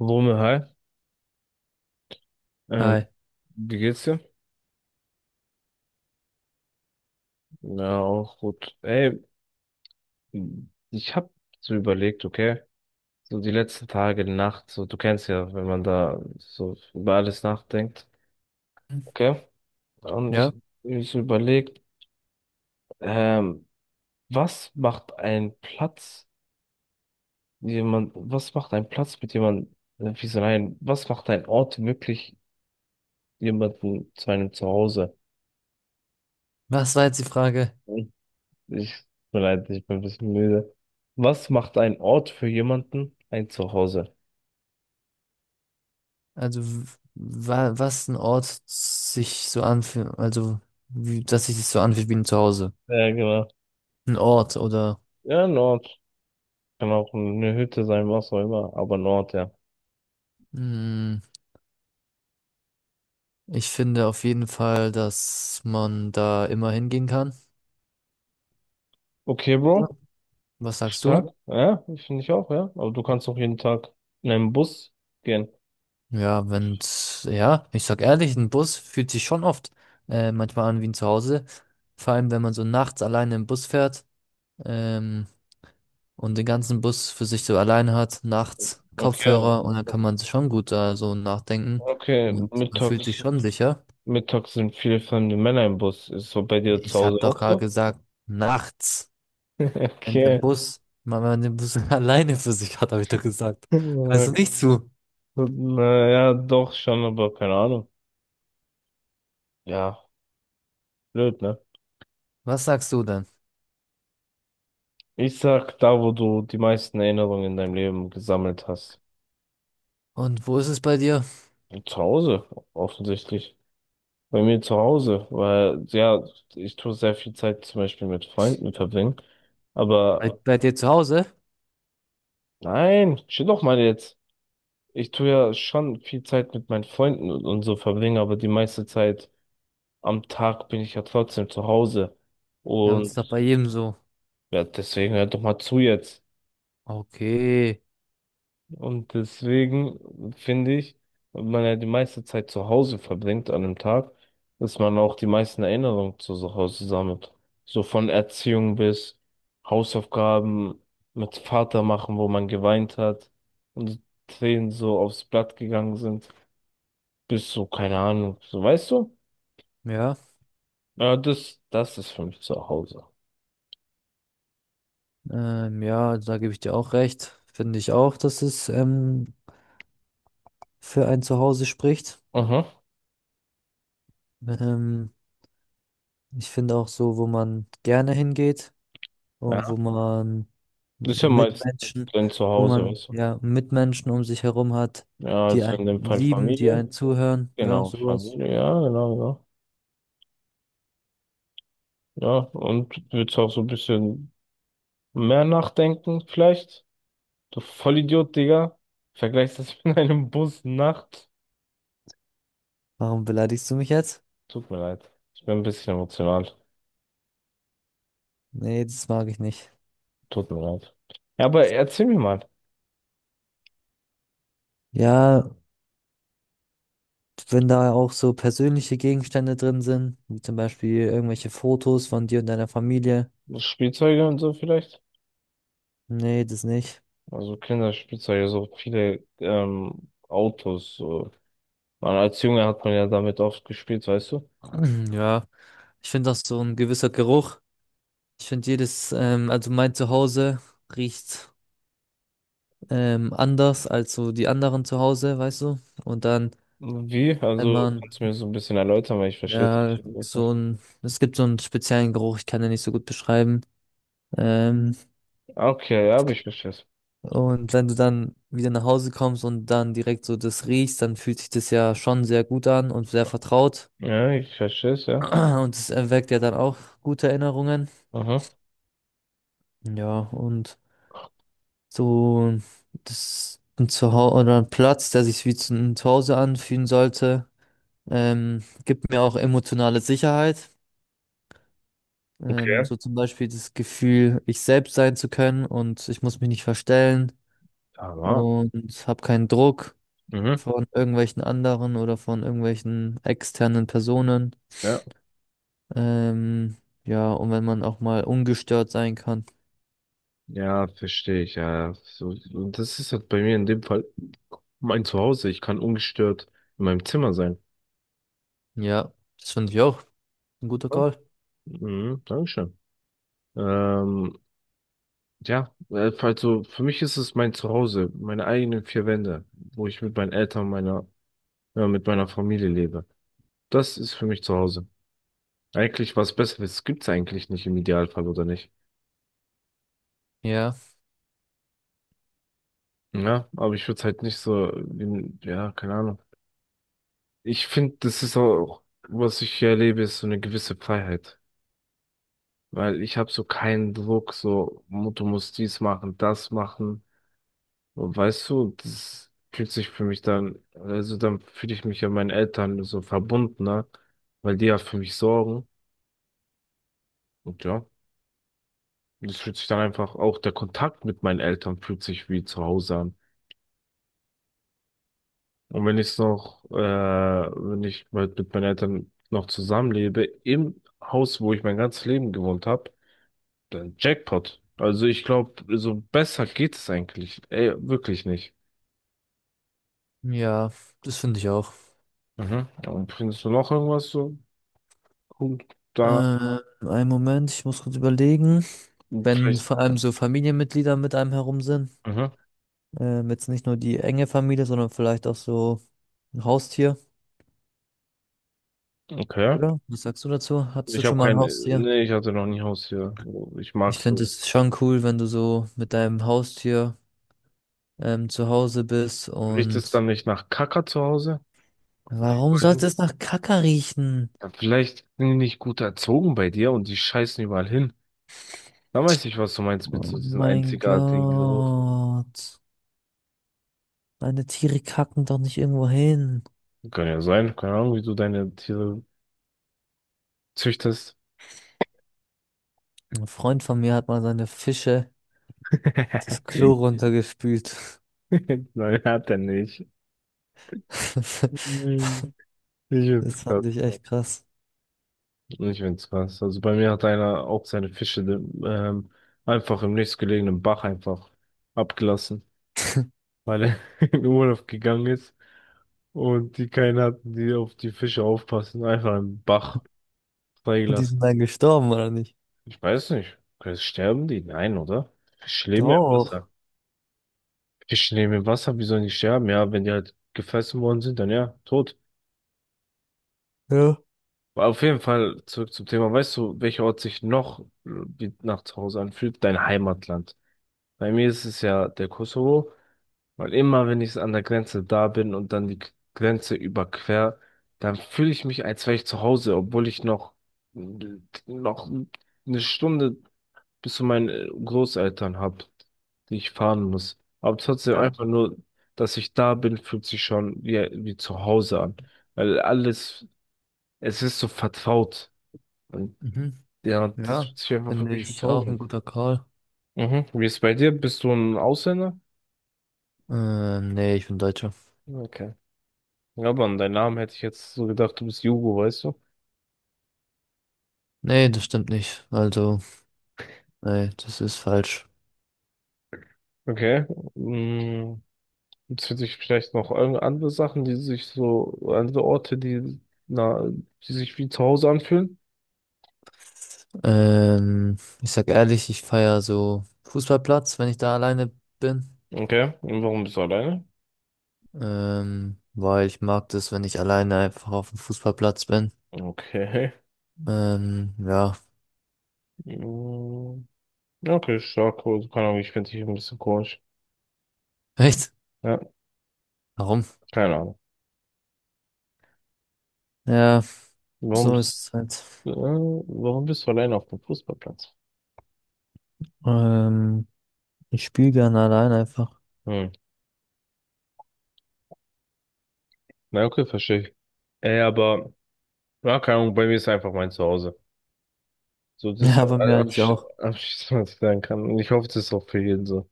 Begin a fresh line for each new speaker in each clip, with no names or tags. Lome, hi. Ähm,
Hi.
Wie geht's dir? Ja, auch gut. Ey, ich hab so überlegt, okay, so die letzten Tage, Nacht, so du kennst ja, wenn man da so über alles nachdenkt, okay? Und
Ja,
ich so überlegt, ähm, was macht ein Platz, jemand, was macht ein Platz mit jemandem, wie so ein, was macht ein Ort wirklich jemanden zu einem Zuhause?
was war jetzt die Frage?
Ich, tut mir leid, ich bin ein bisschen müde. Was macht ein Ort für jemanden ein Zuhause?
Also, w- wa was ein Ort sich so anfühlt, also, wie, dass sich das so anfühlt wie ein Zuhause.
Ja, genau.
Ein Ort oder,
Ja, ein Ort. Kann auch eine Hütte sein, was auch immer, aber ein Ort, ja.
mh, ich finde auf jeden Fall, dass man da immer hingehen kann.
Okay,
Ja.
Bro.
Was sagst du?
Stark. Ja, finde ich auch, ja. Aber du kannst auch jeden Tag in einen Bus gehen.
Ja, wenn's, ich sag ehrlich, ein Bus fühlt sich schon oft manchmal an wie ein Zuhause. Vor allem, wenn man so nachts alleine im Bus fährt. Ähm, und den ganzen Bus für sich so alleine hat, nachts
Okay,
Kopfhörer, und dann kann man sich schon gut da so nachdenken
okay.
und man fühlt sich
Mittags,
schon sicher.
mittags sind viele fremde Männer im Bus. Ist so bei dir zu
Ich habe
Hause
doch
auch
gerade
so?
gesagt, nachts,
Okay.
Wenn man den Bus alleine für sich hat, habe ich doch gesagt. Hörst du nicht zu?
Na ja, doch schon, aber keine Ahnung. Ja, blöd, ne?
Was sagst du denn?
Ich sag da, wo du die meisten Erinnerungen in deinem Leben gesammelt hast.
Und wo ist es bei dir?
Zu Hause, offensichtlich. Bei mir zu Hause, weil, ja, ich tue sehr viel Zeit zum Beispiel mit Freunden verbringen.
Bei,
Aber
bei dir zu Hause?
nein, chill doch mal jetzt. Ich tue ja schon viel Zeit mit meinen Freunden und so verbringen, aber die meiste Zeit am Tag bin ich ja trotzdem zu Hause.
Ja, aber das
Und
ist doch bei jedem so.
ja, deswegen hör doch mal zu jetzt.
Okay,
Und deswegen finde ich, wenn man ja die meiste Zeit zu Hause verbringt an einem Tag, dass man auch die meisten Erinnerungen zu so Hause sammelt. So von Erziehung bis Hausaufgaben mit Vater machen, wo man geweint hat und die Tränen so aufs Blatt gegangen sind, bis so, keine Ahnung, so weißt du?
ja,
Ja, das, das ist für mich zu Hause.
ja, da gebe ich dir auch recht. Finde ich auch, dass es für ein Zuhause spricht.
Mhm.
Ähm, Ich finde auch so, wo man gerne hingeht und wo
Ja.
man
Das ist ja meist
Mitmenschen,
dein
wo Ja.
Zuhause,
man
weißt du?
ja Mitmenschen um sich herum hat,
Ja,
die
also in
einen
dem Fall
lieben, die
Familie.
einen zuhören, ja,
Genau,
sowas.
Familie, ja, genau, genau. Ja, und würdest auch so ein bisschen mehr nachdenken, vielleicht? Du Vollidiot, Digga. Vergleichst das mit einem Bus nachts.
Warum beleidigst du mich jetzt?
Tut mir leid. Ich bin ein bisschen emotional.
Nee, das mag ich nicht.
Tut mir leid. Ja, aber erzähl mir mal.
Ja, wenn da auch so persönliche Gegenstände drin sind, wie zum Beispiel irgendwelche Fotos von dir und deiner Familie.
Spielzeuge und so vielleicht?
Nee, das nicht.
Also Kinderspielzeuge, so viele Autos. So. Man, als Junge hat man ja damit oft gespielt, weißt du?
Ja, ich finde auch, so ein gewisser Geruch. Ich finde jedes, also mein Zuhause riecht anders als so die anderen zu Hause, weißt du? Und dann,
Wie?
wenn
Also,
man,
kannst du mir so ein bisschen erläutern, weil ich verstehe es nicht.
ja, so ein, es gibt so einen speziellen Geruch, ich kann den nicht so gut beschreiben. Ähm,
Ah, okay, ja, aber ich verstehe es.
und wenn du dann wieder nach Hause kommst und dann direkt so das riechst, dann fühlt sich das ja schon sehr gut an und sehr vertraut.
Ja, ich verstehe es, ja.
Und es erweckt ja dann auch gute Erinnerungen.
Aha.
Ja, und so, das ein Zuhause oder ein Platz, der sich wie ein Zuhause anfühlen sollte, gibt mir auch emotionale Sicherheit.
Okay.
So zum Beispiel das Gefühl, ich selbst sein zu können und ich muss mich nicht verstellen
Aber,
und habe keinen Druck
mhm.
von irgendwelchen anderen oder von irgendwelchen externen Personen.
Ja,
Ähm, ja, und wenn man auch mal ungestört sein kann.
ja, verstehe ich, ja. So, und das ist halt bei mir in dem Fall mein Zuhause. Ich kann ungestört in meinem Zimmer sein.
Ja, das finde ich auch. Ein guter
Ja.
Call.
Mhm, Dankeschön. Ähm, ja, also für mich ist es mein Zuhause, meine eigenen vier Wände, wo ich mit meinen Eltern, meiner, ja, mit meiner Familie lebe. Das ist für mich Zuhause. Eigentlich was Besseres gibt's eigentlich nicht im Idealfall, oder nicht?
Ja,
Ja, aber ich würde es halt nicht so, in, ja, keine Ahnung. Ich finde, das ist auch, was ich hier erlebe, ist so eine gewisse Freiheit. Weil ich habe so keinen Druck, so, du musst dies machen, das machen. Und weißt du, das fühlt sich für mich dann, also dann fühle ich mich ja meinen Eltern so verbundener, weil die ja für mich sorgen. Und ja, das fühlt sich dann einfach, auch der Kontakt mit meinen Eltern fühlt sich wie zu Hause an. Und wenn ich noch, wenn ich mit meinen Eltern noch zusammenlebe, im Haus, wo ich mein ganzes Leben gewohnt habe, dann Jackpot. Also ich glaube, so besser geht es eigentlich. Ey, wirklich nicht.
ja, das finde ich auch.
Mhm. Und bringst du noch irgendwas so? Gut, da
Ähm, einen Moment, ich muss kurz überlegen. Wenn
vielleicht.
vor allem so Familienmitglieder mit einem herum sind.
Mhm.
Jetzt nicht nur die enge Familie, sondern vielleicht auch so ein Haustier,
Okay.
oder? Was sagst du dazu? Hattest du
Ich habe
schon mal ein
kein.
Haustier?
Nee, ich hatte noch nie Haustier. Ich mag
Ich finde
so.
es schon cool, wenn du so mit deinem Haustier zu Hause bist
Riecht es
und
dann nicht nach Kacker zu Hause? Wenn die
warum
überall
sollte
hin.
es nach Kacke riechen?
Ja, vielleicht sind die nicht gut erzogen bei dir und die scheißen überall hin. Da weiß ich, was du meinst mit
Oh
so diesem
mein
einzigartigen Geruch.
Gott. Meine Tiere kacken doch nicht irgendwo hin.
Kann ja sein. Keine Ahnung, wie du deine Tiere züchtest.
Ein Freund von mir hat mal seine Fische das Klo runtergespült.
Nein, hat er nicht. Mhm. Ich find's
Das fand
krass.
ich echt krass.
Ich find's krass. Also bei mir hat einer auch seine Fische einfach im nächstgelegenen Bach einfach abgelassen, weil er in Urlaub gegangen ist und die keinen hatten, die auf die Fische aufpassen. Einfach im Bach
Und die
freigelassen.
sind dann gestorben, oder nicht?
Ich weiß nicht. Sterben die? Nein, oder? Fische leben ja im Wasser.
Doch.
Fische leben im Wasser, wie sollen die sterben? Ja, wenn die halt gefressen worden sind, dann ja, tot.
Ja.
Auf jeden Fall zurück zum Thema. Weißt du, welcher Ort sich noch wie nach zu Hause anfühlt? Dein Heimatland. Bei mir ist es ja der Kosovo, weil immer, wenn ich an der Grenze da bin und dann die Grenze überquer, dann fühle ich mich, als wäre ich zu Hause, obwohl ich noch eine Stunde bis zu meinen Großeltern habe, die ich fahren muss. Aber trotzdem
Ja.
einfach nur, dass ich da bin, fühlt sich schon wie, wie zu Hause an, weil alles, es ist so vertraut.
Mhm.
Ja, das
Ja,
fühlt sich einfach für
finde
mich
ich auch ein
bezaubern.
guter Call.
Mhm. Wie ist es bei dir? Bist du ein Ausländer?
Nee, ich bin Deutscher.
Okay. Ja, aber an deinen Namen hätte ich jetzt so gedacht, du bist Jugo, weißt du?
Nee, das stimmt nicht. Also, nee, das ist falsch.
Okay. Mm, jetzt für dich vielleicht noch andere Sachen, die sich so, andere Orte, die, na, die sich wie zu Hause anfühlen.
Ich sag ehrlich, ich feier so Fußballplatz, wenn ich da alleine bin.
Okay. Und warum bist du alleine?
Weil ich mag das, wenn ich alleine einfach auf dem Fußballplatz bin.
Okay.
Ja.
Mm, okay, stark. Also, keine Ahnung, ich finde dich ein bisschen komisch.
Echt?
Ja,
Warum?
keine Ahnung.
Ja,
Warum
so ist
bist,
es halt.
warum bist du alleine auf dem Fußballplatz?
Ähm, ich spiele gerne allein einfach.
Hm. Na, okay, verstehe ich. Ey, aber, ja, keine Ahnung, bei mir ist einfach mein Zuhause. So, das ist
Ja, bei mir eigentlich auch.
abschließend, was ich sagen kann. Und ich hoffe, das ist auch für jeden so.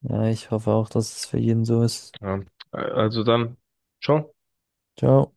Ja, ich hoffe auch, dass es für jeden so ist.
Ja. Also dann, ciao.
Ciao.